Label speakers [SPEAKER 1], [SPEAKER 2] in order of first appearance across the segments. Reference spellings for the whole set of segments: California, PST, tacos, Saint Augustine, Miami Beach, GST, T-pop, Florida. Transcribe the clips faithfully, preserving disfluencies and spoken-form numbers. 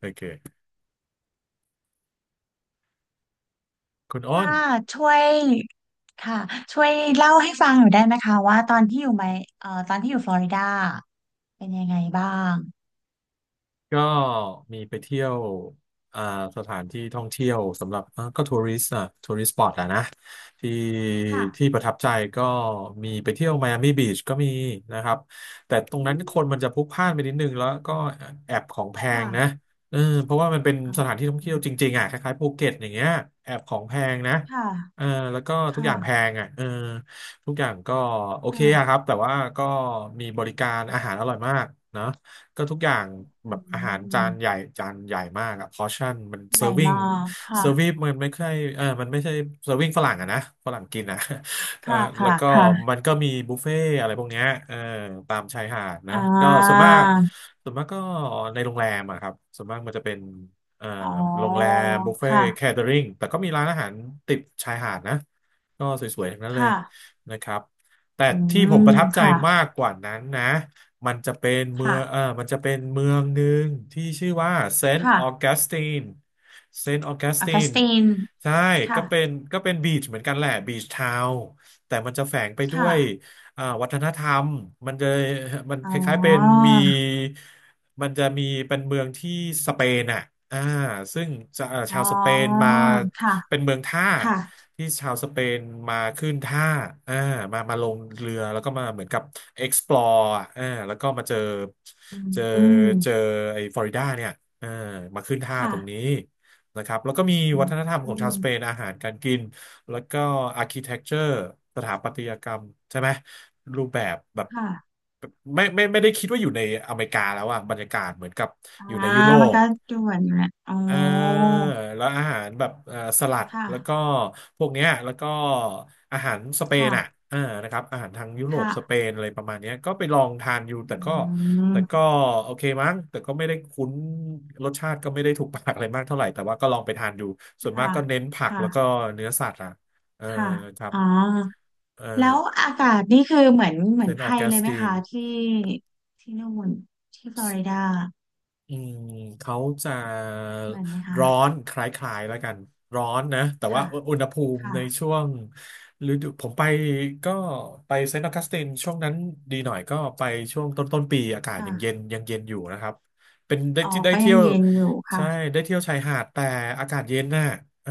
[SPEAKER 1] โอเคคุณอ้
[SPEAKER 2] ค่ะ
[SPEAKER 1] น
[SPEAKER 2] ช่วยค่ะช่วยเล่าให้ฟังหน่อยได้ไหมคะว่าตอนที่อยู่ไมเอ่อตอนที่อยู่ฟลอริดาเป็นยังไงบ้าง
[SPEAKER 1] ก็มีไปเที่ยวอ่าสถานที่ท่องเที่ยวสำหรับอ่าก็ทัวริสต์อ่ะทัวริสต์สปอตอะนะที่
[SPEAKER 2] ค่ะ
[SPEAKER 1] ที่ประทับใจก็มีไปเที่ยวไมอามี่บีชก็มีนะครับแต่ตร
[SPEAKER 2] อื
[SPEAKER 1] งนั้นคน
[SPEAKER 2] ม
[SPEAKER 1] มันจะพลุกพล่านไปนิดนึงแล้วก็แอบของแพงนะ
[SPEAKER 2] ค่ะ
[SPEAKER 1] เออเพราะว่ามันเป็น
[SPEAKER 2] เอ
[SPEAKER 1] สถาน
[SPEAKER 2] า
[SPEAKER 1] ที่ท่องเที่ยวจริงๆอ่ะคล้ายๆภูเก็ตอย่างเงี้ยแอบของแพงนะ
[SPEAKER 2] ค่ะ
[SPEAKER 1] เออแล้วก็
[SPEAKER 2] ค
[SPEAKER 1] ทุกอย่างแพ
[SPEAKER 2] ่ะ
[SPEAKER 1] งอ่ะเออทุกอย่างก็โอเคอะค
[SPEAKER 2] ค่ะ
[SPEAKER 1] รับแต่ว่าก็มีบริการอาหารอร่อยมากนะ ก็ทุกอย่างแบ
[SPEAKER 2] อื
[SPEAKER 1] บอาหารจา
[SPEAKER 2] ม
[SPEAKER 1] นใหญ่จานใหญ่มากอะพอชั่นมันเซ
[SPEAKER 2] ให
[SPEAKER 1] อ
[SPEAKER 2] ญ่
[SPEAKER 1] ร์วิ s ง
[SPEAKER 2] มาก
[SPEAKER 1] เซอร์วิ
[SPEAKER 2] ค่ะ
[SPEAKER 1] มันไม่ใช่เออมันไม่ใช่เซอร์วิ g งฝรั่งอะนะฝรั่งกินอะ เออ
[SPEAKER 2] ค่ะ
[SPEAKER 1] แล้
[SPEAKER 2] ค่ะ
[SPEAKER 1] วก็
[SPEAKER 2] ค่ะ
[SPEAKER 1] มันก็มีบุฟเฟ่อะไรพวกเนี้ยเออตามชายหาดนะ
[SPEAKER 2] อ่า
[SPEAKER 1] ก็ส่วนมากส่วนมากก็ในโรงแรมอะครับส่วนมากมันจะเป็นเอ่อ
[SPEAKER 2] อ๋อ
[SPEAKER 1] โรงแรมบุฟเฟ่
[SPEAKER 2] ค่ะ
[SPEAKER 1] แคเทอริงแต่ก็มีร้านอาหารติดชายหาดนะก็สวยๆทั้งนั้น
[SPEAKER 2] ค
[SPEAKER 1] เลย
[SPEAKER 2] ่ะ
[SPEAKER 1] นะครับแต่
[SPEAKER 2] อื
[SPEAKER 1] ที่ผมป
[SPEAKER 2] ม
[SPEAKER 1] ระทับใจ
[SPEAKER 2] ค่ะ
[SPEAKER 1] มากกว่านั้นนะ มันจะเป็นเมือ
[SPEAKER 2] ค่ะ
[SPEAKER 1] งเออมันจะเป็นเมืองหนึ่งที่ชื่อว่าเซนต์
[SPEAKER 2] ค่ะ
[SPEAKER 1] ออกัสตินเซนต์ออกัส
[SPEAKER 2] อา
[SPEAKER 1] ติ
[SPEAKER 2] กาส
[SPEAKER 1] น
[SPEAKER 2] ติน
[SPEAKER 1] ใช่ก็
[SPEAKER 2] ค่ะ
[SPEAKER 1] เป็นก็เป็นบีชเหมือนกันแหละบีชทาวน์แต่มันจะแฝงไปด้วย
[SPEAKER 2] ค่ะ
[SPEAKER 1] อ่าวัฒนธรรมมันจะมัน
[SPEAKER 2] อ๋
[SPEAKER 1] คล้ายๆเป็น
[SPEAKER 2] อ
[SPEAKER 1] มีมันจะมีเป็นเมืองที่สเปนอ่ะอ่าซึ่งจะเอ่อ
[SPEAKER 2] อ๋อ
[SPEAKER 1] ชาวสเปนมา
[SPEAKER 2] ค่ะ
[SPEAKER 1] เป็นเมืองท่า
[SPEAKER 2] ค่ะ
[SPEAKER 1] ที่ชาวสเปนมาขึ้นท่าอ่ามามาลงเรือแล้วก็มาเหมือนกับ explore อะอ่าแล้วก็มาเจอเจอ
[SPEAKER 2] อื
[SPEAKER 1] เจอ
[SPEAKER 2] ม
[SPEAKER 1] ไอ้ฟลอริดาเนี่ยอ่ามาขึ้นท่า
[SPEAKER 2] ค่ะ
[SPEAKER 1] ตรงนี้นะครับแล้วก็มี
[SPEAKER 2] อื
[SPEAKER 1] วัฒนธรรมของชาว
[SPEAKER 2] ม
[SPEAKER 1] สเปนอาหารการกินแล้วก็ architecture สถาปัตยกรรมใช่ไหมรูปแบบแบบ
[SPEAKER 2] ค่ะ
[SPEAKER 1] ไม่ไม่ไม่ได้คิดว่าอยู่ในอเมริกาแล้วอะบรรยากาศเหมือนกับ
[SPEAKER 2] อ่า
[SPEAKER 1] อยู่ในยุโร
[SPEAKER 2] มัน
[SPEAKER 1] ป
[SPEAKER 2] ก็ด่วนอยู่แหละอ๋อ
[SPEAKER 1] อ่าแล้วอาหารแบบเอ่อสลัด
[SPEAKER 2] ค่ะ
[SPEAKER 1] แล้วก็พวกเนี้ยแล้วก็อาหารสเปน
[SPEAKER 2] ค่ะ
[SPEAKER 1] อ่ะอ่านะครับอาหารทางยุโรป
[SPEAKER 2] ค่ะ
[SPEAKER 1] สเปนอะไรประมาณเนี้ยก็ไปลองทานอยู่
[SPEAKER 2] อื
[SPEAKER 1] แต่ก็แต่ก็
[SPEAKER 2] ม
[SPEAKER 1] โอเคมั้งแต่ก็ไม่ได้คุ้นรสชาติก็ไม่ได้ถูกปากอะไรมากเท่าไหร่แต่ว่าก็ลองไปทานดูส่วนมาก
[SPEAKER 2] ค่ะ
[SPEAKER 1] ก็เน้นผักแล้วก็
[SPEAKER 2] ค่ะ
[SPEAKER 1] เนื้อสัตว์อ่ะเออ
[SPEAKER 2] ค่ะ
[SPEAKER 1] ครับ
[SPEAKER 2] อ๋อ
[SPEAKER 1] เออ
[SPEAKER 2] แล้วอากาศนี่คือเหมือนเห
[SPEAKER 1] เซ
[SPEAKER 2] มือน
[SPEAKER 1] นต์
[SPEAKER 2] ไท
[SPEAKER 1] ออ
[SPEAKER 2] ย
[SPEAKER 1] แก
[SPEAKER 2] เล
[SPEAKER 1] ส
[SPEAKER 2] ยไหม
[SPEAKER 1] ติน
[SPEAKER 2] คะที่ที่นู่นที่ฟลอริดา
[SPEAKER 1] อืมเขาจะ
[SPEAKER 2] เหมือนไหมคะ
[SPEAKER 1] ร้อนคล้ายๆแล้วกันร้อนนะแต่ว่า
[SPEAKER 2] ค่ะ
[SPEAKER 1] อุอุณหภูมิ
[SPEAKER 2] ค่ะ
[SPEAKER 1] ในช่วงฤดูผมไปก็ไปเซนต์ออกัสตินช่วงนั้นดีหน่อยก็ไปช่วงต้นต้นปีอากาศ
[SPEAKER 2] ค่ะ
[SPEAKER 1] ยังเย็นยังเย็นอยู่นะครับเป็นได้
[SPEAKER 2] ออ
[SPEAKER 1] ที่
[SPEAKER 2] ก
[SPEAKER 1] ได้
[SPEAKER 2] ไป
[SPEAKER 1] เที่
[SPEAKER 2] ยั
[SPEAKER 1] ย
[SPEAKER 2] ง
[SPEAKER 1] ว
[SPEAKER 2] เย็นอยู่
[SPEAKER 1] ใช่
[SPEAKER 2] ค่ะ
[SPEAKER 1] ได้เที่ยวชายหาดแต่อากาศเย็นน่ะอ่า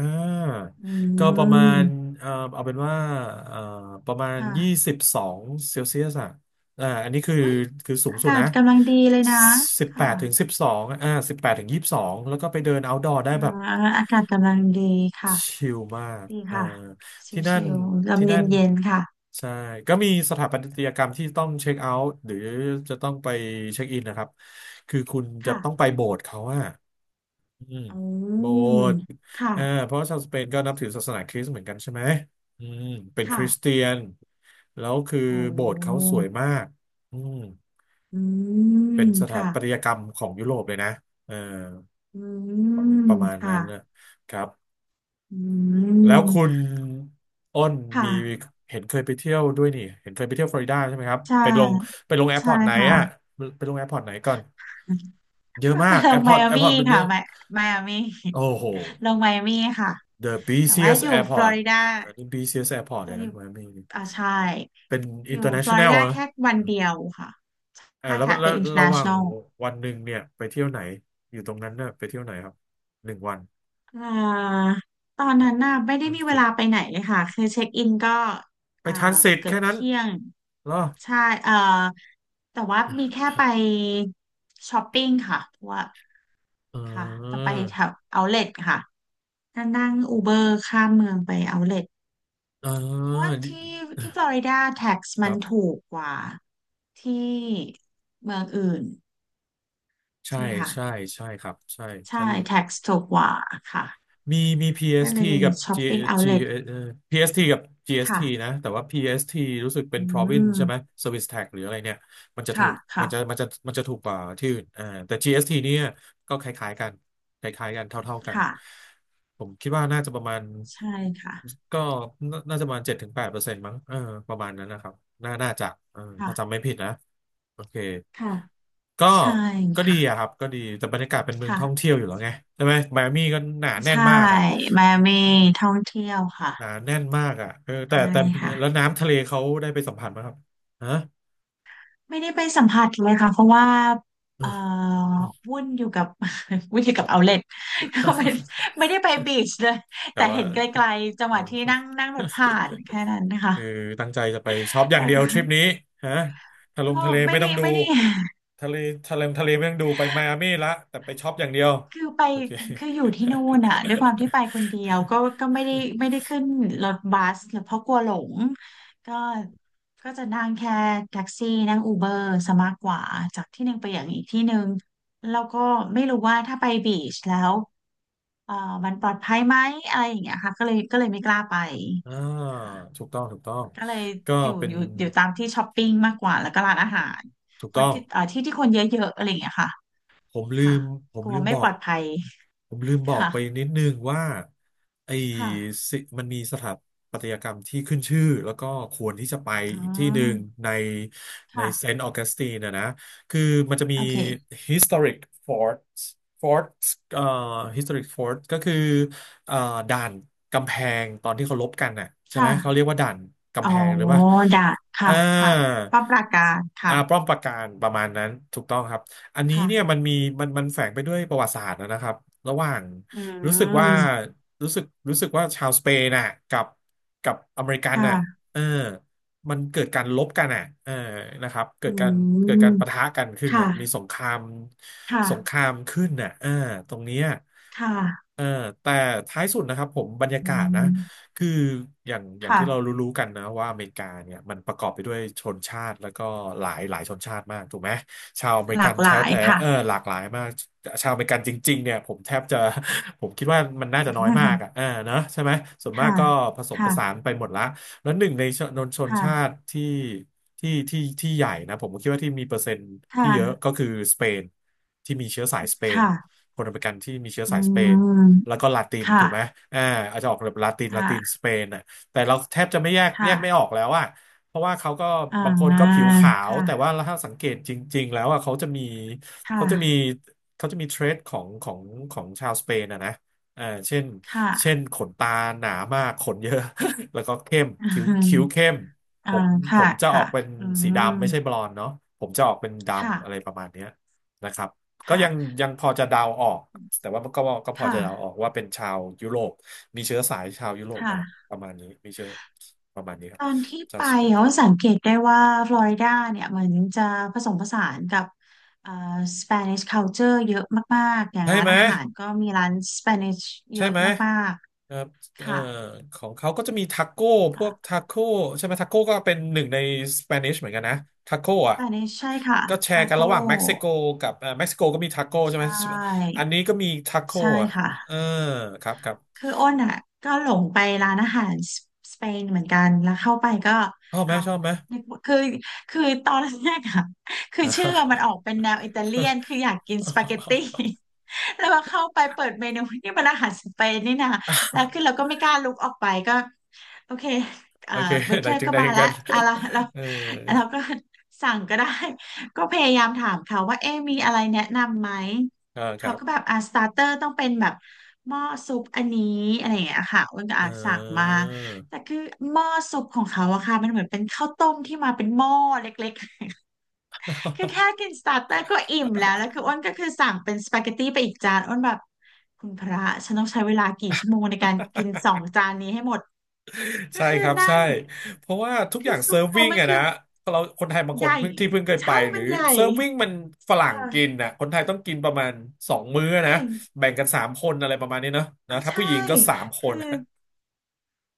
[SPEAKER 2] อื
[SPEAKER 1] ก็ประมาณ
[SPEAKER 2] ม
[SPEAKER 1] เอ่อเอาเป็นว่าเอ่อประมาณยี่
[SPEAKER 2] ค่ะ
[SPEAKER 1] สิบสองเซลเซียส อ่าอันนี้คือ
[SPEAKER 2] อุ้ย
[SPEAKER 1] คือสูง
[SPEAKER 2] อา
[SPEAKER 1] สุด
[SPEAKER 2] กา
[SPEAKER 1] นะ
[SPEAKER 2] ศกำลังดีเลยนะ
[SPEAKER 1] สิบแป
[SPEAKER 2] ค่ะ
[SPEAKER 1] ดถึงสิบสองอ่าสิบแปดถึงยี่สิบสองแล้วก็ไปเดิน outdoor ได้
[SPEAKER 2] อ่า
[SPEAKER 1] แบบ
[SPEAKER 2] อากาศกำลังดีค่ะ
[SPEAKER 1] ชิลมาก
[SPEAKER 2] ดี
[SPEAKER 1] อ่า
[SPEAKER 2] ค่ะช
[SPEAKER 1] ที่นั่
[SPEAKER 2] ิ
[SPEAKER 1] น
[SPEAKER 2] วๆลม
[SPEAKER 1] ที่
[SPEAKER 2] เ
[SPEAKER 1] นั่น
[SPEAKER 2] ย็นๆค่ะ
[SPEAKER 1] ใช่ก็มีสถาปัตยกรรมที่ต้องเช็คเอาท์หรือจะต้องไปเช็คอินนะครับคือคุณจะต้องไป
[SPEAKER 2] ค่ะ
[SPEAKER 1] โบสถ์เขาอะอืม
[SPEAKER 2] อื
[SPEAKER 1] โบ
[SPEAKER 2] ม
[SPEAKER 1] สถ์
[SPEAKER 2] ค่ะ
[SPEAKER 1] อ่าเพราะว่าชาวสเปนก็นับถือศาสนาคริสต์เหมือนกันใช่ไหมอืมเป็นค
[SPEAKER 2] ค่ะ
[SPEAKER 1] ริสเตียนแล้วคือ
[SPEAKER 2] โอ
[SPEAKER 1] โบสถ์เขา
[SPEAKER 2] ้
[SPEAKER 1] สวยมากอืม
[SPEAKER 2] อื
[SPEAKER 1] เป็น
[SPEAKER 2] ม
[SPEAKER 1] สถา
[SPEAKER 2] ค่ะ
[SPEAKER 1] ปัตยกรรมของยุโรปเลยนะเออ
[SPEAKER 2] อื
[SPEAKER 1] ป
[SPEAKER 2] ม
[SPEAKER 1] ระมาณ
[SPEAKER 2] ค่ะ
[SPEAKER 1] นั้นนะครับ
[SPEAKER 2] อื
[SPEAKER 1] แล้วคุ
[SPEAKER 2] ม
[SPEAKER 1] ณอ้น
[SPEAKER 2] ค
[SPEAKER 1] มี
[SPEAKER 2] ่ะ
[SPEAKER 1] เห็นเคยไปเที่ยวด้วยนี่เห็นเคยไปเที่ยวฟลอริดาใช่ไหมครับ
[SPEAKER 2] ใช่
[SPEAKER 1] ไปลงไปลงแอร์พ
[SPEAKER 2] ใช่
[SPEAKER 1] อร์ตไหน
[SPEAKER 2] ค่ะ
[SPEAKER 1] อะไปลงแอร์พอร์ตไหนก่อนเยอะมา
[SPEAKER 2] ไป
[SPEAKER 1] ก
[SPEAKER 2] ล
[SPEAKER 1] แอ
[SPEAKER 2] ง
[SPEAKER 1] ร์พ
[SPEAKER 2] ไม
[SPEAKER 1] อร์ต
[SPEAKER 2] อา
[SPEAKER 1] แอร์พ
[SPEAKER 2] มี่
[SPEAKER 1] อร์ตมันเย
[SPEAKER 2] ค่ะ
[SPEAKER 1] อะ
[SPEAKER 2] ไมไมอามี่
[SPEAKER 1] โอ้โห
[SPEAKER 2] ลงไมอามี่ค่ะ
[SPEAKER 1] The
[SPEAKER 2] แต่ว่า
[SPEAKER 1] busiest
[SPEAKER 2] อยู่ฟลอ
[SPEAKER 1] airport
[SPEAKER 2] ริดา
[SPEAKER 1] อันนี้ busiest airport
[SPEAKER 2] จะ
[SPEAKER 1] เลย
[SPEAKER 2] อ
[SPEAKER 1] นะ
[SPEAKER 2] ยู่
[SPEAKER 1] ไมอามี
[SPEAKER 2] อ่าใช่
[SPEAKER 1] เป็น
[SPEAKER 2] อยู่ฟลอริ
[SPEAKER 1] international
[SPEAKER 2] ดา
[SPEAKER 1] นะ
[SPEAKER 2] แค่วันเดียวค่ะ
[SPEAKER 1] เออ
[SPEAKER 2] ใช่
[SPEAKER 1] แล้ว
[SPEAKER 2] ค่ะ
[SPEAKER 1] แล้
[SPEAKER 2] เป็
[SPEAKER 1] ว
[SPEAKER 2] น
[SPEAKER 1] ระหว่าง
[SPEAKER 2] international
[SPEAKER 1] วันหนึ่งเนี่ยไปเที่ยวไหนอยู่ตรงนั้นน่ะไปเที่ยวไหนครับหนึ่งวัน
[SPEAKER 2] อ่าตอนนั้นน่ะไม่ได้
[SPEAKER 1] อัง
[SPEAKER 2] มี
[SPEAKER 1] ก
[SPEAKER 2] เว
[SPEAKER 1] ฤษ
[SPEAKER 2] ลาไปไหนเลยค่ะคือเช็คอินก็
[SPEAKER 1] ไป
[SPEAKER 2] เอ่อ
[SPEAKER 1] ทันเสร็จ
[SPEAKER 2] เกือ
[SPEAKER 1] แค่
[SPEAKER 2] บ
[SPEAKER 1] นั้น
[SPEAKER 2] เที่ยง
[SPEAKER 1] เหรอ
[SPEAKER 2] ใช่เอ่อแต่ว่ามีแค่ไปช้อปปิ้งค่ะเพราะว่า
[SPEAKER 1] เ
[SPEAKER 2] ค่ะต้อง
[SPEAKER 1] ออ
[SPEAKER 2] ไปแถวเอาเลทค่ะนั่งนั่งอูเบอร์ข้ามเมืองไปเอาเลท
[SPEAKER 1] เออ
[SPEAKER 2] เพราะว่า
[SPEAKER 1] ดิ
[SPEAKER 2] ที่ที่ฟลอริดาแท็กซ์
[SPEAKER 1] ค
[SPEAKER 2] มั
[SPEAKER 1] รั
[SPEAKER 2] น
[SPEAKER 1] บ
[SPEAKER 2] ถูกกว่าที่เมืองอื่น
[SPEAKER 1] ใช่
[SPEAKER 2] ใช่ไหมคะ
[SPEAKER 1] ใช่ใช่ครับใช่ฉั
[SPEAKER 2] ใช่
[SPEAKER 1] น
[SPEAKER 2] แท็กซ์ถูกกว่าค่ะ
[SPEAKER 1] มีมี
[SPEAKER 2] ก็เล
[SPEAKER 1] พี เอส ที
[SPEAKER 2] ยมี
[SPEAKER 1] กับ
[SPEAKER 2] ช้อป
[SPEAKER 1] จี
[SPEAKER 2] ปิ้งเอา
[SPEAKER 1] จี
[SPEAKER 2] เล
[SPEAKER 1] เอ่อ เอส ที กับ จี เอส ที
[SPEAKER 2] ค่ะ
[SPEAKER 1] นะแต่ว่า พี เอส ที รู้สึกเป็
[SPEAKER 2] อื
[SPEAKER 1] น province ใช่ไหม
[SPEAKER 2] ม
[SPEAKER 1] Service Tax หรืออะไรเนี่ย มันจะถู
[SPEAKER 2] ค่ะ
[SPEAKER 1] กมั
[SPEAKER 2] ค่ะ
[SPEAKER 1] นจะมันจะมันจะถูกกว่าที่อื่นอ่าแต่ จี เอส ที เอสทีเนี่ยก็คล้ายๆกันคล้ายๆกันเท่าๆกัน
[SPEAKER 2] ค่ะ
[SPEAKER 1] ผมคิดว่าน่าจะประมาณ
[SPEAKER 2] ใช่ค่ะ
[SPEAKER 1] ก็น่าน่าจะประมาณเจ็ดถึงแปดเปอร์เซ็นต์มั้งเออประมาณนั้นนะครับน่าน่าจะเออ
[SPEAKER 2] ค่ะ
[SPEAKER 1] ถ้าจำไม่ผิดนะโอเค
[SPEAKER 2] ค่ะ
[SPEAKER 1] ก็
[SPEAKER 2] ใช่
[SPEAKER 1] ก็ดี
[SPEAKER 2] ค่ะ
[SPEAKER 1] อะครับก็ดีแต่บรรยากาศเป็นเมืองท่อง
[SPEAKER 2] ค่ะ
[SPEAKER 1] เที่ยวอยู่แล้วไงใช่ไหมไมอามี่ก็หนาแน่น
[SPEAKER 2] ใช่
[SPEAKER 1] มากอะ
[SPEAKER 2] มาเมท่องเที่ยวค่ะ
[SPEAKER 1] หนาแน่นมากอะเออแต่
[SPEAKER 2] ใช่
[SPEAKER 1] แต่
[SPEAKER 2] ค่ะ
[SPEAKER 1] แล้วน้ำทะเลเขาได้ไปสัมผัสไหมครับฮะ
[SPEAKER 2] ไม่ได้ไปสัมผัสเลยค่ะ เพราะว่าเอ่อวุ่นอยู่กับ วุ่นอยู่กับเอาเล็ต ก็ไม่ ไม่ได้ไปบีชเลยแต่
[SPEAKER 1] กะว่า
[SPEAKER 2] เห็นไกลๆจั ง
[SPEAKER 1] เอ
[SPEAKER 2] หวะที่นั่ง
[SPEAKER 1] อ
[SPEAKER 2] นั่งรถผ่านแค่นั้นนะคะ
[SPEAKER 1] คือตั้งใจจะไปช็อปอย่า
[SPEAKER 2] แล้
[SPEAKER 1] ง
[SPEAKER 2] ว
[SPEAKER 1] เดียว
[SPEAKER 2] ก็
[SPEAKER 1] ทริปนี้ฮะทะลง
[SPEAKER 2] ก็
[SPEAKER 1] ทะเล
[SPEAKER 2] ไม่
[SPEAKER 1] ไม่ต้
[SPEAKER 2] ได้
[SPEAKER 1] องดู
[SPEAKER 2] ไม่ได้
[SPEAKER 1] ทะเลทะเลทะเลไม่ต้องดูไปไมอามี่ละแต่ไปช็อปอย่างเดียว
[SPEAKER 2] คือไป
[SPEAKER 1] โอเค
[SPEAKER 2] คืออยู่ที่ นู่นอ่ะด้วยความที่ไปคนเดียวก็ก็ไม่ได้ไม่ได้ขึ้นรถบัสหรือเพราะกลัวหลงก็ก็จะนั่งแค่แท็กซี่นั่งอูเบอร์ซะมากกว่าจากที่หนึ่งไปอย่างอีกที่หนึ่งแล้วก็ไม่รู้ว่าถ้าไปบีชแล้วเอ่อมันปลอดภัยไหมอะไรอย่างเงี้ยค่ะก็เลยก็เลยไม่กล้าไป
[SPEAKER 1] อ่า
[SPEAKER 2] ค่ะ
[SPEAKER 1] ถูกต้องถูกต้อง
[SPEAKER 2] ก็เลย
[SPEAKER 1] ก็
[SPEAKER 2] อยู่
[SPEAKER 1] เป็
[SPEAKER 2] อ
[SPEAKER 1] น
[SPEAKER 2] ยู่อยู่ตามที่ช้อปปิ้งมากกว่าแล้วก็ร้านอาหาร
[SPEAKER 1] ถูก
[SPEAKER 2] ค
[SPEAKER 1] ต้
[SPEAKER 2] น
[SPEAKER 1] อง
[SPEAKER 2] ที่เอ่อที่ที่คนเยอะๆอะไรอย่างเงี้ยค่ะ
[SPEAKER 1] ผมลื
[SPEAKER 2] ค่ะ
[SPEAKER 1] มผ
[SPEAKER 2] ก
[SPEAKER 1] ม
[SPEAKER 2] ลั
[SPEAKER 1] ลื
[SPEAKER 2] ว
[SPEAKER 1] ม
[SPEAKER 2] ไม่
[SPEAKER 1] บอ
[SPEAKER 2] ปล
[SPEAKER 1] ก
[SPEAKER 2] อดภัย
[SPEAKER 1] ผมลืมบอก
[SPEAKER 2] ค่ะ
[SPEAKER 1] ไปนิดนึงว่าไอ้
[SPEAKER 2] ค่ะ
[SPEAKER 1] สิมันมีสถาปัตยกรรมที่ขึ้นชื่อแล้วก็ควรที่จะไป
[SPEAKER 2] อ๋อ
[SPEAKER 1] อีกที่หนึ่งในในเซ
[SPEAKER 2] ค่ะ
[SPEAKER 1] นต์ออกัสตินนะนะคือมันจะมี
[SPEAKER 2] โอเค
[SPEAKER 1] historic forts forts เอ่อ historic fort ก็คือเอ่อด่านกำแพงตอนที่เขารบกันน่ะใช่ไหมเขาเรีย
[SPEAKER 2] ค่ะ
[SPEAKER 1] กว่าด่านกำ
[SPEAKER 2] อ๋อ
[SPEAKER 1] แพงหรือว่า
[SPEAKER 2] ได้
[SPEAKER 1] อ่า
[SPEAKER 2] ค่ะค่ะป้าประการ
[SPEAKER 1] อ่า
[SPEAKER 2] ค่ะ
[SPEAKER 1] ป้อมปราการประมาณนั้นถูกต้องครับ อันนี้เนี่ยมั
[SPEAKER 2] ค่ะ
[SPEAKER 1] นมีมันมันแฝงไปด้วยประวัติศาสตร์นะครับระหว่าง
[SPEAKER 2] อื
[SPEAKER 1] รู้สึกว่า
[SPEAKER 2] ม
[SPEAKER 1] รู้สึกรู้สึกว่าชาวสเปนน่ะกับกับอเมริกั
[SPEAKER 2] ค
[SPEAKER 1] นน่ะ
[SPEAKER 2] ่ะ
[SPEAKER 1] เออมันเกิดการลบกันอ่ะเออนะครับเกิ
[SPEAKER 2] อื
[SPEAKER 1] ดการเกิด
[SPEAKER 2] ม
[SPEAKER 1] การปะทะกันขึ้น
[SPEAKER 2] ค่ะ
[SPEAKER 1] น่ะมีสงคราม
[SPEAKER 2] ค่ะ
[SPEAKER 1] สงครามขึ้นน่ะเออตรงเนี้ย
[SPEAKER 2] ค่ะ
[SPEAKER 1] เออแต่ท้ายสุดนะครับผมบรรยา
[SPEAKER 2] อื
[SPEAKER 1] กาศนะ
[SPEAKER 2] ม
[SPEAKER 1] คืออย่างอย่าง
[SPEAKER 2] ค่ะ
[SPEAKER 1] ที่เรารู้ๆกันนะว่าอเมริกาเนี่ยมันประกอบไปด้วยชนชาติแล้วก็หลายหลายชนชาติมากถูกไหมชาวอเมริ
[SPEAKER 2] ห
[SPEAKER 1] กั
[SPEAKER 2] ลา
[SPEAKER 1] น
[SPEAKER 2] กห
[SPEAKER 1] แท้
[SPEAKER 2] ลาย
[SPEAKER 1] แต่
[SPEAKER 2] ค่ะ
[SPEAKER 1] เออหลากหลายมากชาวอเมริกันจริงๆเนี่ยผมแทบจะ ผมคิดว่ามันน่าจะน้อยมา กอ่ะเออเนอะใช่ไหมส่วนมาก
[SPEAKER 2] ค่ะ
[SPEAKER 1] ก็ผสมผสาน
[SPEAKER 2] ค่ะ
[SPEAKER 1] ไปหมดละแล้วหนึ่งในชนชน
[SPEAKER 2] ค่ะ
[SPEAKER 1] ชาติที่ที่ที่ที่ใหญ่นะผมก็คิดว่าที่มีเปอร์เซ็นต์
[SPEAKER 2] ค
[SPEAKER 1] ที่เยอะ
[SPEAKER 2] ่ะ
[SPEAKER 1] ก็คือสเปนที่มีเชื้อสายสเปน
[SPEAKER 2] ค่ะ
[SPEAKER 1] คนอเมริกันที่มีเชื้อ
[SPEAKER 2] อื
[SPEAKER 1] สายสเปน
[SPEAKER 2] ม
[SPEAKER 1] แล้วก็ลาติน
[SPEAKER 2] ค่ะ
[SPEAKER 1] ถูกไหมอ่าอาจจะออกแบบลาตินลาติน
[SPEAKER 2] ค่ะ
[SPEAKER 1] สเปนอ่ะแต่เราแทบจะไม่แยกแย
[SPEAKER 2] ค่ะ
[SPEAKER 1] กไม่ออกแล้วอะเพราะว่าเขาก็
[SPEAKER 2] อ่
[SPEAKER 1] บางคนก็
[SPEAKER 2] า
[SPEAKER 1] ผิวขาว แต่
[SPEAKER 2] ค่ะ
[SPEAKER 1] ว่าถ้าสังเกตจริงๆแล้วอ่ะเขาจะมี
[SPEAKER 2] ค
[SPEAKER 1] เขาจะมี
[SPEAKER 2] ่ะ
[SPEAKER 1] เขาจะมีเทรดของของของชาวสเปนอ่ะนะอ่าเช่นเช่
[SPEAKER 2] ค่ะ
[SPEAKER 1] นขนตาหนามากขนเยอะ แล้วก็เข้มคิ้ว
[SPEAKER 2] อืม
[SPEAKER 1] คิ้วเข้มผ
[SPEAKER 2] อ่า
[SPEAKER 1] มผ
[SPEAKER 2] ค่ะ
[SPEAKER 1] มจะออ
[SPEAKER 2] ค่ะ
[SPEAKER 1] กเป็น
[SPEAKER 2] อื
[SPEAKER 1] สี
[SPEAKER 2] ม
[SPEAKER 1] ดำไม่ใช่บลอนด์เนาะผมจะออกเป็น
[SPEAKER 2] ค่ะ
[SPEAKER 1] ดำอะไรประมาณเนี้ยนะครับ ก็ยัง
[SPEAKER 2] ค่ะ
[SPEAKER 1] ยังพอจะเดาออกแต่ว่าก็ก็พอ
[SPEAKER 2] ค่ะ
[SPEAKER 1] จะเดาออกว่าเป็นชาวยุโรปมีเชื้อสายชาวยุโรปมาแล้ว
[SPEAKER 2] ค่ะ
[SPEAKER 1] ประมาณนี้มีเชื้อประมาณนี้ครั
[SPEAKER 2] ต
[SPEAKER 1] บ
[SPEAKER 2] อนที่
[SPEAKER 1] ชา
[SPEAKER 2] ไป
[SPEAKER 1] วสเปน
[SPEAKER 2] เขาสังเกตได้ว่าฟลอริดาเนี่ยเหมือนจะผสมผสานกับเอ่อสเปนิชคัลเจอร์เยอะมากๆ อย่าง
[SPEAKER 1] ใช่
[SPEAKER 2] ร้าน
[SPEAKER 1] ไหม
[SPEAKER 2] อาหารก็มีร้านสเปนิชเย
[SPEAKER 1] ใช่
[SPEAKER 2] อะ
[SPEAKER 1] ไหม
[SPEAKER 2] มาก
[SPEAKER 1] ครับ
[SPEAKER 2] ๆ
[SPEAKER 1] เอ่อ
[SPEAKER 2] ค่ะ
[SPEAKER 1] ของเขาก็จะมีทาโก้พว
[SPEAKER 2] อ่า
[SPEAKER 1] กทาโก้ใช่ไหมทาโก้ก็เป็นหนึ่งในสเปนิชเหมือนกันนะทาโก้
[SPEAKER 2] ส
[SPEAKER 1] อ่ะ
[SPEAKER 2] เปนิชใช่ค่ะ
[SPEAKER 1] ก็แช
[SPEAKER 2] ทา
[SPEAKER 1] ร์กัน
[SPEAKER 2] โก้
[SPEAKER 1] ระหว่างเม็กซิโกกับเอ่อเม็กซิโกก็มีทาโก้ใช่
[SPEAKER 2] ใช
[SPEAKER 1] ไหม
[SPEAKER 2] ่
[SPEAKER 1] อันนี้ก็มีทาโก้
[SPEAKER 2] ใช่
[SPEAKER 1] อ่ะ
[SPEAKER 2] ค่ะ
[SPEAKER 1] เออครับครับ
[SPEAKER 2] คืออ้นอ่ะก็หลงไปร้านอาหารสสเปนเหมือนกันแล้วเข้าไปก็
[SPEAKER 1] ชอบไหม
[SPEAKER 2] อ้าว
[SPEAKER 1] ชอบไหม
[SPEAKER 2] นึกว่าคือคือตอนแรกอ่ะคือชื่อมันออกเป็นแนวอิตาเลียนคืออยากกินสปาเกตตี้ แล้วพอเข้าไปเปิดเมนูนี่มันอาหารสเปนนี่นะแล้ว คือเราก็ไม่กล้าลุกออกไปก็โอเค
[SPEAKER 1] โอ
[SPEAKER 2] เอ่อ
[SPEAKER 1] เค
[SPEAKER 2] เว
[SPEAKER 1] ไห
[SPEAKER 2] เท
[SPEAKER 1] น
[SPEAKER 2] อร์
[SPEAKER 1] ถึง
[SPEAKER 2] ก็
[SPEAKER 1] ไหน
[SPEAKER 2] มา
[SPEAKER 1] ถึง
[SPEAKER 2] ละ
[SPEAKER 1] กัน
[SPEAKER 2] อะไรเรา
[SPEAKER 1] เออ
[SPEAKER 2] เราก็สั่งก็ได้ ก็พยายามถามเขาว่าเอ๊ะมีอะไรแนะนำไหม
[SPEAKER 1] อ่าค
[SPEAKER 2] เขา
[SPEAKER 1] รับ
[SPEAKER 2] ก็แบบอ่าสตาร์เตอร์ต้องเป็นแบบหม้อซุปอันนี้อะไรอย่างเงี้ยค่ะอ้วนก็
[SPEAKER 1] เอ
[SPEAKER 2] อาจสั่งมา
[SPEAKER 1] อ
[SPEAKER 2] แต่คือหม้อซุปของเขาอะค่ะมันเหมือนเป็นข้าวต้มที่มาเป็นหม้อเล็กๆ คือแค่กินสตาร์เตอร์ก็อิ่มแล้วแล้วคืออ้วนก็คือสั่งเป็นสปาเกตตี้ไปอีกจานอ้วนแบบคุณพระฉันต้องใช้เวลากี่ชั่วโมงในการกินสองจานนี้ให้หมดก็
[SPEAKER 1] ใช่
[SPEAKER 2] คือ
[SPEAKER 1] ครับ
[SPEAKER 2] นั่
[SPEAKER 1] ใช่
[SPEAKER 2] ง
[SPEAKER 1] เพราะว่าทุกอ
[SPEAKER 2] คื
[SPEAKER 1] ย่า
[SPEAKER 2] อ
[SPEAKER 1] ง
[SPEAKER 2] ซุ
[SPEAKER 1] เซิ
[SPEAKER 2] ป
[SPEAKER 1] ร์ฟ
[SPEAKER 2] เขา
[SPEAKER 1] วิ่ง
[SPEAKER 2] มัน
[SPEAKER 1] อะ
[SPEAKER 2] คื
[SPEAKER 1] นะ
[SPEAKER 2] อ
[SPEAKER 1] เราคนไทยบางค
[SPEAKER 2] ให
[SPEAKER 1] น
[SPEAKER 2] ญ่
[SPEAKER 1] เพิ่งที่เพิ่งเคยไป
[SPEAKER 2] ใช่
[SPEAKER 1] หรื
[SPEAKER 2] มั
[SPEAKER 1] อ
[SPEAKER 2] นใหญ่
[SPEAKER 1] เซิร์ฟวิ่งมันฝรั่งกิน
[SPEAKER 2] ค่ะ
[SPEAKER 1] นะคนไทยต้องกินประมาณสองมื้อ
[SPEAKER 2] ใช่
[SPEAKER 1] นะแบ่งกันสามคนอะไรประมาณนี้เนาะนะ
[SPEAKER 2] อ่า
[SPEAKER 1] ถ้า
[SPEAKER 2] ใช่
[SPEAKER 1] ผู้หญิงก็สามค
[SPEAKER 2] คื
[SPEAKER 1] น
[SPEAKER 2] อ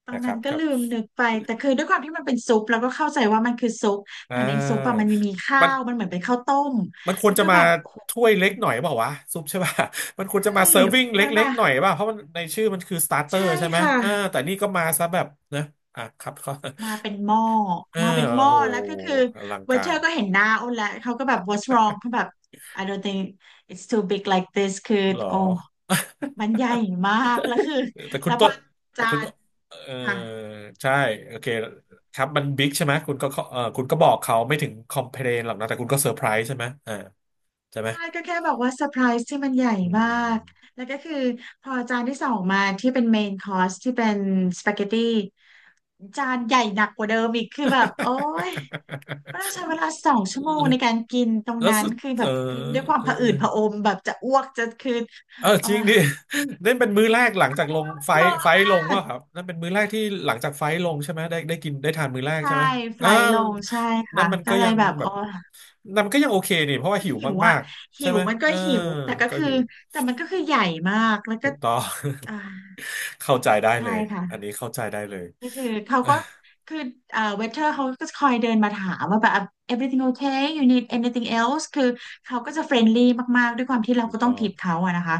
[SPEAKER 2] ตอน
[SPEAKER 1] นะค
[SPEAKER 2] นั้
[SPEAKER 1] รั
[SPEAKER 2] น
[SPEAKER 1] บ
[SPEAKER 2] ก็
[SPEAKER 1] ครั
[SPEAKER 2] ลืม
[SPEAKER 1] บ
[SPEAKER 2] นึกไปแต่คือด้วยความที่มันเป็นซุปเราก็เข้าใจว่ามันคือซุป
[SPEAKER 1] อ่
[SPEAKER 2] แต่ในซุปอะมั
[SPEAKER 1] า
[SPEAKER 2] นมีข้า
[SPEAKER 1] มัน
[SPEAKER 2] วมันเหมือนเป็นข้าวต้ม
[SPEAKER 1] มันควร
[SPEAKER 2] แล้ว
[SPEAKER 1] จะ
[SPEAKER 2] ก็
[SPEAKER 1] มา
[SPEAKER 2] แบบโอ้
[SPEAKER 1] ถ้วยเล็กหน่อยเปล่าวะซุปใช่ป่ะ มันควรจะ
[SPEAKER 2] ใช่
[SPEAKER 1] มาเซิร์ฟวิ่ง
[SPEAKER 2] มัน
[SPEAKER 1] เล็ก
[SPEAKER 2] มา
[SPEAKER 1] ๆหน่อยเปล่ะเพราะมันในชื่อมันคือสตาร์เตอ
[SPEAKER 2] ใช่
[SPEAKER 1] ร์ใช่ไหม
[SPEAKER 2] ค่ะ
[SPEAKER 1] อ่าแต่นี่ก็มาซะแบบนะอ่ะครับเขา
[SPEAKER 2] มาเป็นหม้อ
[SPEAKER 1] เออ
[SPEAKER 2] มาเป็นหม้อ
[SPEAKER 1] โอ้โห
[SPEAKER 2] แล้วก็คือ
[SPEAKER 1] อลัง
[SPEAKER 2] เว
[SPEAKER 1] กา
[SPEAKER 2] เทอ
[SPEAKER 1] ร
[SPEAKER 2] ร์ก็เห็นหน้าอ้นแล้วเขาก็แบบ what's wrong เขาแบบ I don't think it's too big like this คือ
[SPEAKER 1] หรอ
[SPEAKER 2] โอ้มันใหญ่มากแล้วคือ
[SPEAKER 1] แต่คุ
[SPEAKER 2] แล้
[SPEAKER 1] ณ
[SPEAKER 2] วพ
[SPEAKER 1] ต้
[SPEAKER 2] อ
[SPEAKER 1] นแต่
[SPEAKER 2] จา
[SPEAKER 1] คุณ
[SPEAKER 2] น
[SPEAKER 1] เออ
[SPEAKER 2] ค่ะ
[SPEAKER 1] ใช่โอเคครับมันบิ๊กใช่ไหมคุณก็เออคุณก็บอกเขาไม่ถึงคอมเพลนหรอกนะแต่คุณก็เซอร์ไพรส์ใช่ไหมอ่าใช่ไหม
[SPEAKER 2] ใช่ก็แค่บอกว่าเซอร์ไพรส์ที่มันใหญ่
[SPEAKER 1] อื
[SPEAKER 2] มาก
[SPEAKER 1] ม
[SPEAKER 2] แล้วก็คือพอจานที่สองมาที่เป็นเมนคอร์สที่เป็นสปาเกตตี้จานใหญ่หนักกว่าเดิมอีกคือแบบโอ้ยก็ต้องใช้เวลาสองชั่วโมงในการกินตร ง
[SPEAKER 1] แล้ว
[SPEAKER 2] นั้น
[SPEAKER 1] สุด
[SPEAKER 2] คือแบ
[SPEAKER 1] เออ
[SPEAKER 2] บกินด้วยความ
[SPEAKER 1] เออ
[SPEAKER 2] ผะอืดผะอมแบบจะอ้วกจะคือ
[SPEAKER 1] เออ
[SPEAKER 2] โอ้
[SPEAKER 1] จริง
[SPEAKER 2] ย
[SPEAKER 1] ดิ นั่นเป็นมื้อแรกหลังจากลงไฟ
[SPEAKER 2] เย
[SPEAKER 1] ท์
[SPEAKER 2] อะ
[SPEAKER 1] ไฟท์
[SPEAKER 2] มา
[SPEAKER 1] ลง
[SPEAKER 2] ก
[SPEAKER 1] ว่าครับนั่นเป็นมื้อแรกที่หลังจากไฟท์ลงใช่ไหมได้ได้กินได้ทานมื้อแรก
[SPEAKER 2] ใช่
[SPEAKER 1] ใช่ไหม
[SPEAKER 2] ไฟ
[SPEAKER 1] อ่า
[SPEAKER 2] ล์ลงใช่
[SPEAKER 1] นั่
[SPEAKER 2] ค่ะ
[SPEAKER 1] นมัน
[SPEAKER 2] ก็
[SPEAKER 1] ก็
[SPEAKER 2] เล
[SPEAKER 1] ยั
[SPEAKER 2] ย
[SPEAKER 1] ง
[SPEAKER 2] แบบ
[SPEAKER 1] แบ
[SPEAKER 2] อ๋
[SPEAKER 1] บ
[SPEAKER 2] อ
[SPEAKER 1] นั่นมันก็ยังโอเคนี่เพราะว่า
[SPEAKER 2] ก็
[SPEAKER 1] หิว
[SPEAKER 2] หิว
[SPEAKER 1] มา
[SPEAKER 2] อ่ะ
[SPEAKER 1] กๆ
[SPEAKER 2] หิ
[SPEAKER 1] ใช่
[SPEAKER 2] ว
[SPEAKER 1] ไหม
[SPEAKER 2] มันก็
[SPEAKER 1] เออ
[SPEAKER 2] หิวแต่ก็
[SPEAKER 1] ก็
[SPEAKER 2] คือ
[SPEAKER 1] หิว
[SPEAKER 2] แต่มันก็คือใหญ่มากแล้ว
[SPEAKER 1] ถู
[SPEAKER 2] ก็
[SPEAKER 1] กต้อง
[SPEAKER 2] อ่า
[SPEAKER 1] เข้าใจได้
[SPEAKER 2] ใช่
[SPEAKER 1] เลยอัน
[SPEAKER 2] ค่ะ
[SPEAKER 1] นี้เข้าใจได้เลย
[SPEAKER 2] ก็คือเขาก็คือเอ่อเวเทอร์เขาก็คอยเดินมาถามว่าแบบ everything okay you need anything else คือเขาก็จะเฟรนลี่มากๆด้วยความที่เรา
[SPEAKER 1] ถูก
[SPEAKER 2] ก็ต้อ
[SPEAKER 1] ต้
[SPEAKER 2] ง
[SPEAKER 1] อง
[SPEAKER 2] ทิปเขาอะนะคะ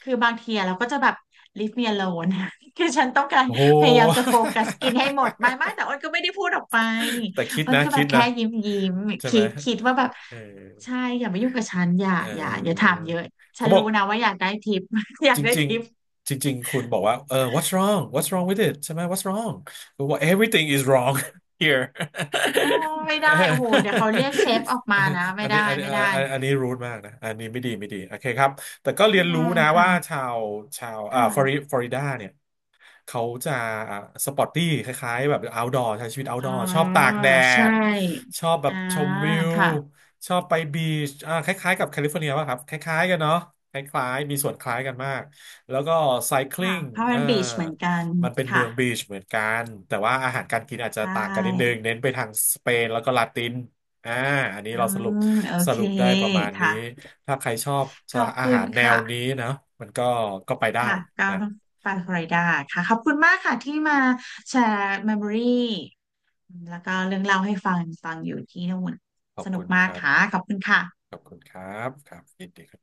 [SPEAKER 2] คือบางทีอะเราก็จะแบบ leave me alone คือฉันต้องการ
[SPEAKER 1] โอ้โห
[SPEAKER 2] พยายามจะโฟกัสกินให้หมดไม่ไม่แต่อ้นก็ไม่ได้พูดออกไป
[SPEAKER 1] แต่คิด
[SPEAKER 2] อ้น
[SPEAKER 1] นะ
[SPEAKER 2] ก็แบ
[SPEAKER 1] คิ
[SPEAKER 2] บ
[SPEAKER 1] ด
[SPEAKER 2] แค่
[SPEAKER 1] นะ
[SPEAKER 2] ยิ้มยิ้ม
[SPEAKER 1] ใช่
[SPEAKER 2] คิ
[SPEAKER 1] ไหม
[SPEAKER 2] ดคิดว่าแบบ
[SPEAKER 1] เออ
[SPEAKER 2] ใช่อย่ามายุ่งกับฉันอย่า
[SPEAKER 1] เ
[SPEAKER 2] อย่าอย่าถา
[SPEAKER 1] ออ
[SPEAKER 2] มเยอะฉั
[SPEAKER 1] เขา
[SPEAKER 2] น
[SPEAKER 1] บอ
[SPEAKER 2] รู้
[SPEAKER 1] ก
[SPEAKER 2] นะว่าอยากได้ทิป อยา
[SPEAKER 1] จ
[SPEAKER 2] กได้
[SPEAKER 1] ริง
[SPEAKER 2] ทิป
[SPEAKER 1] ๆจริงๆคุณบอกว่า เออ what's wrong what's wrong with it ใช่ไหม what's wrong คุณบอก everything is wrong here
[SPEAKER 2] โอ้ไม่
[SPEAKER 1] เ
[SPEAKER 2] ได้โอ้โหเดี๋ยวเขาเรียกเชฟออก
[SPEAKER 1] อ
[SPEAKER 2] มา
[SPEAKER 1] อ
[SPEAKER 2] นะ
[SPEAKER 1] อั
[SPEAKER 2] ไม่
[SPEAKER 1] น
[SPEAKER 2] ได้
[SPEAKER 1] นี้อันนี้
[SPEAKER 2] ไม่
[SPEAKER 1] อัน
[SPEAKER 2] ได้
[SPEAKER 1] อันอันนี้รูดมากนะ อันนี้ไม่ดีไม่ดีโอเคครับแต่ก็เรี
[SPEAKER 2] ไม่
[SPEAKER 1] ยนรู้
[SPEAKER 2] ได้
[SPEAKER 1] นะ
[SPEAKER 2] ค่ะ
[SPEAKER 1] ว่าชาวชาวอ่าฟลอริ
[SPEAKER 2] ค่ะ
[SPEAKER 1] ฟลอริดาเนี่ย เขาจะสปอร์ตตี้คล้ายๆแบบ outdoor ใช้ชีวิต
[SPEAKER 2] อ๋
[SPEAKER 1] outdoor ชอบ
[SPEAKER 2] อ
[SPEAKER 1] ตากแด
[SPEAKER 2] ใช
[SPEAKER 1] ด
[SPEAKER 2] ่
[SPEAKER 1] ชอบแบบ
[SPEAKER 2] อ่า
[SPEAKER 1] ชมวิว
[SPEAKER 2] ค่ะ
[SPEAKER 1] ชอบไปบีชอ่าคล้ายๆกับแคลิฟอร์เนียป่ะครับคล้ายๆกันเนาะคล้ายๆมีส่วนคล้ายกันมากแล้วก็ไซคลิ
[SPEAKER 2] ค่ะ
[SPEAKER 1] n ง
[SPEAKER 2] พาวเว
[SPEAKER 1] เอ
[SPEAKER 2] อ
[SPEAKER 1] อ
[SPEAKER 2] ร์บีชเหมือนกัน
[SPEAKER 1] มันเป็นเมื
[SPEAKER 2] ค่ะ
[SPEAKER 1] องบีชเหมือนกันแต่ว่าอาหารการกินอาจ
[SPEAKER 2] ใช
[SPEAKER 1] จะต่างกันนิดนึง
[SPEAKER 2] ่
[SPEAKER 1] เน้นไปทางสเปนแล้วก็ลาตินอ่าอันนี้
[SPEAKER 2] อื
[SPEAKER 1] เราสรุป
[SPEAKER 2] มโอ
[SPEAKER 1] ส
[SPEAKER 2] เค
[SPEAKER 1] รุปได้ประมาณนี้
[SPEAKER 2] ค่ะ
[SPEAKER 1] ถ้าใครชอบ
[SPEAKER 2] ขอบ
[SPEAKER 1] อา
[SPEAKER 2] คุ
[SPEAKER 1] หา
[SPEAKER 2] ณ
[SPEAKER 1] รแนว
[SPEAKER 2] ค่ะ
[SPEAKER 1] นี้นะมันก็ก็ไปได้
[SPEAKER 2] ค่ะก็
[SPEAKER 1] นะ
[SPEAKER 2] ต้องไปฟลอริดาค่ะขอบคุณมากค่ะที่มาแชร์เมมโมรี่แล้วก็เรื่องเล่าให้ฟังฟังอยู่ที่นู่น
[SPEAKER 1] ขอบ
[SPEAKER 2] สนุ
[SPEAKER 1] คุ
[SPEAKER 2] ก
[SPEAKER 1] ณค
[SPEAKER 2] มาก
[SPEAKER 1] รั
[SPEAKER 2] ค่ะ
[SPEAKER 1] บ
[SPEAKER 2] ขอบคุณค่ะ
[SPEAKER 1] ขอบคุณครับครับยินดีครับ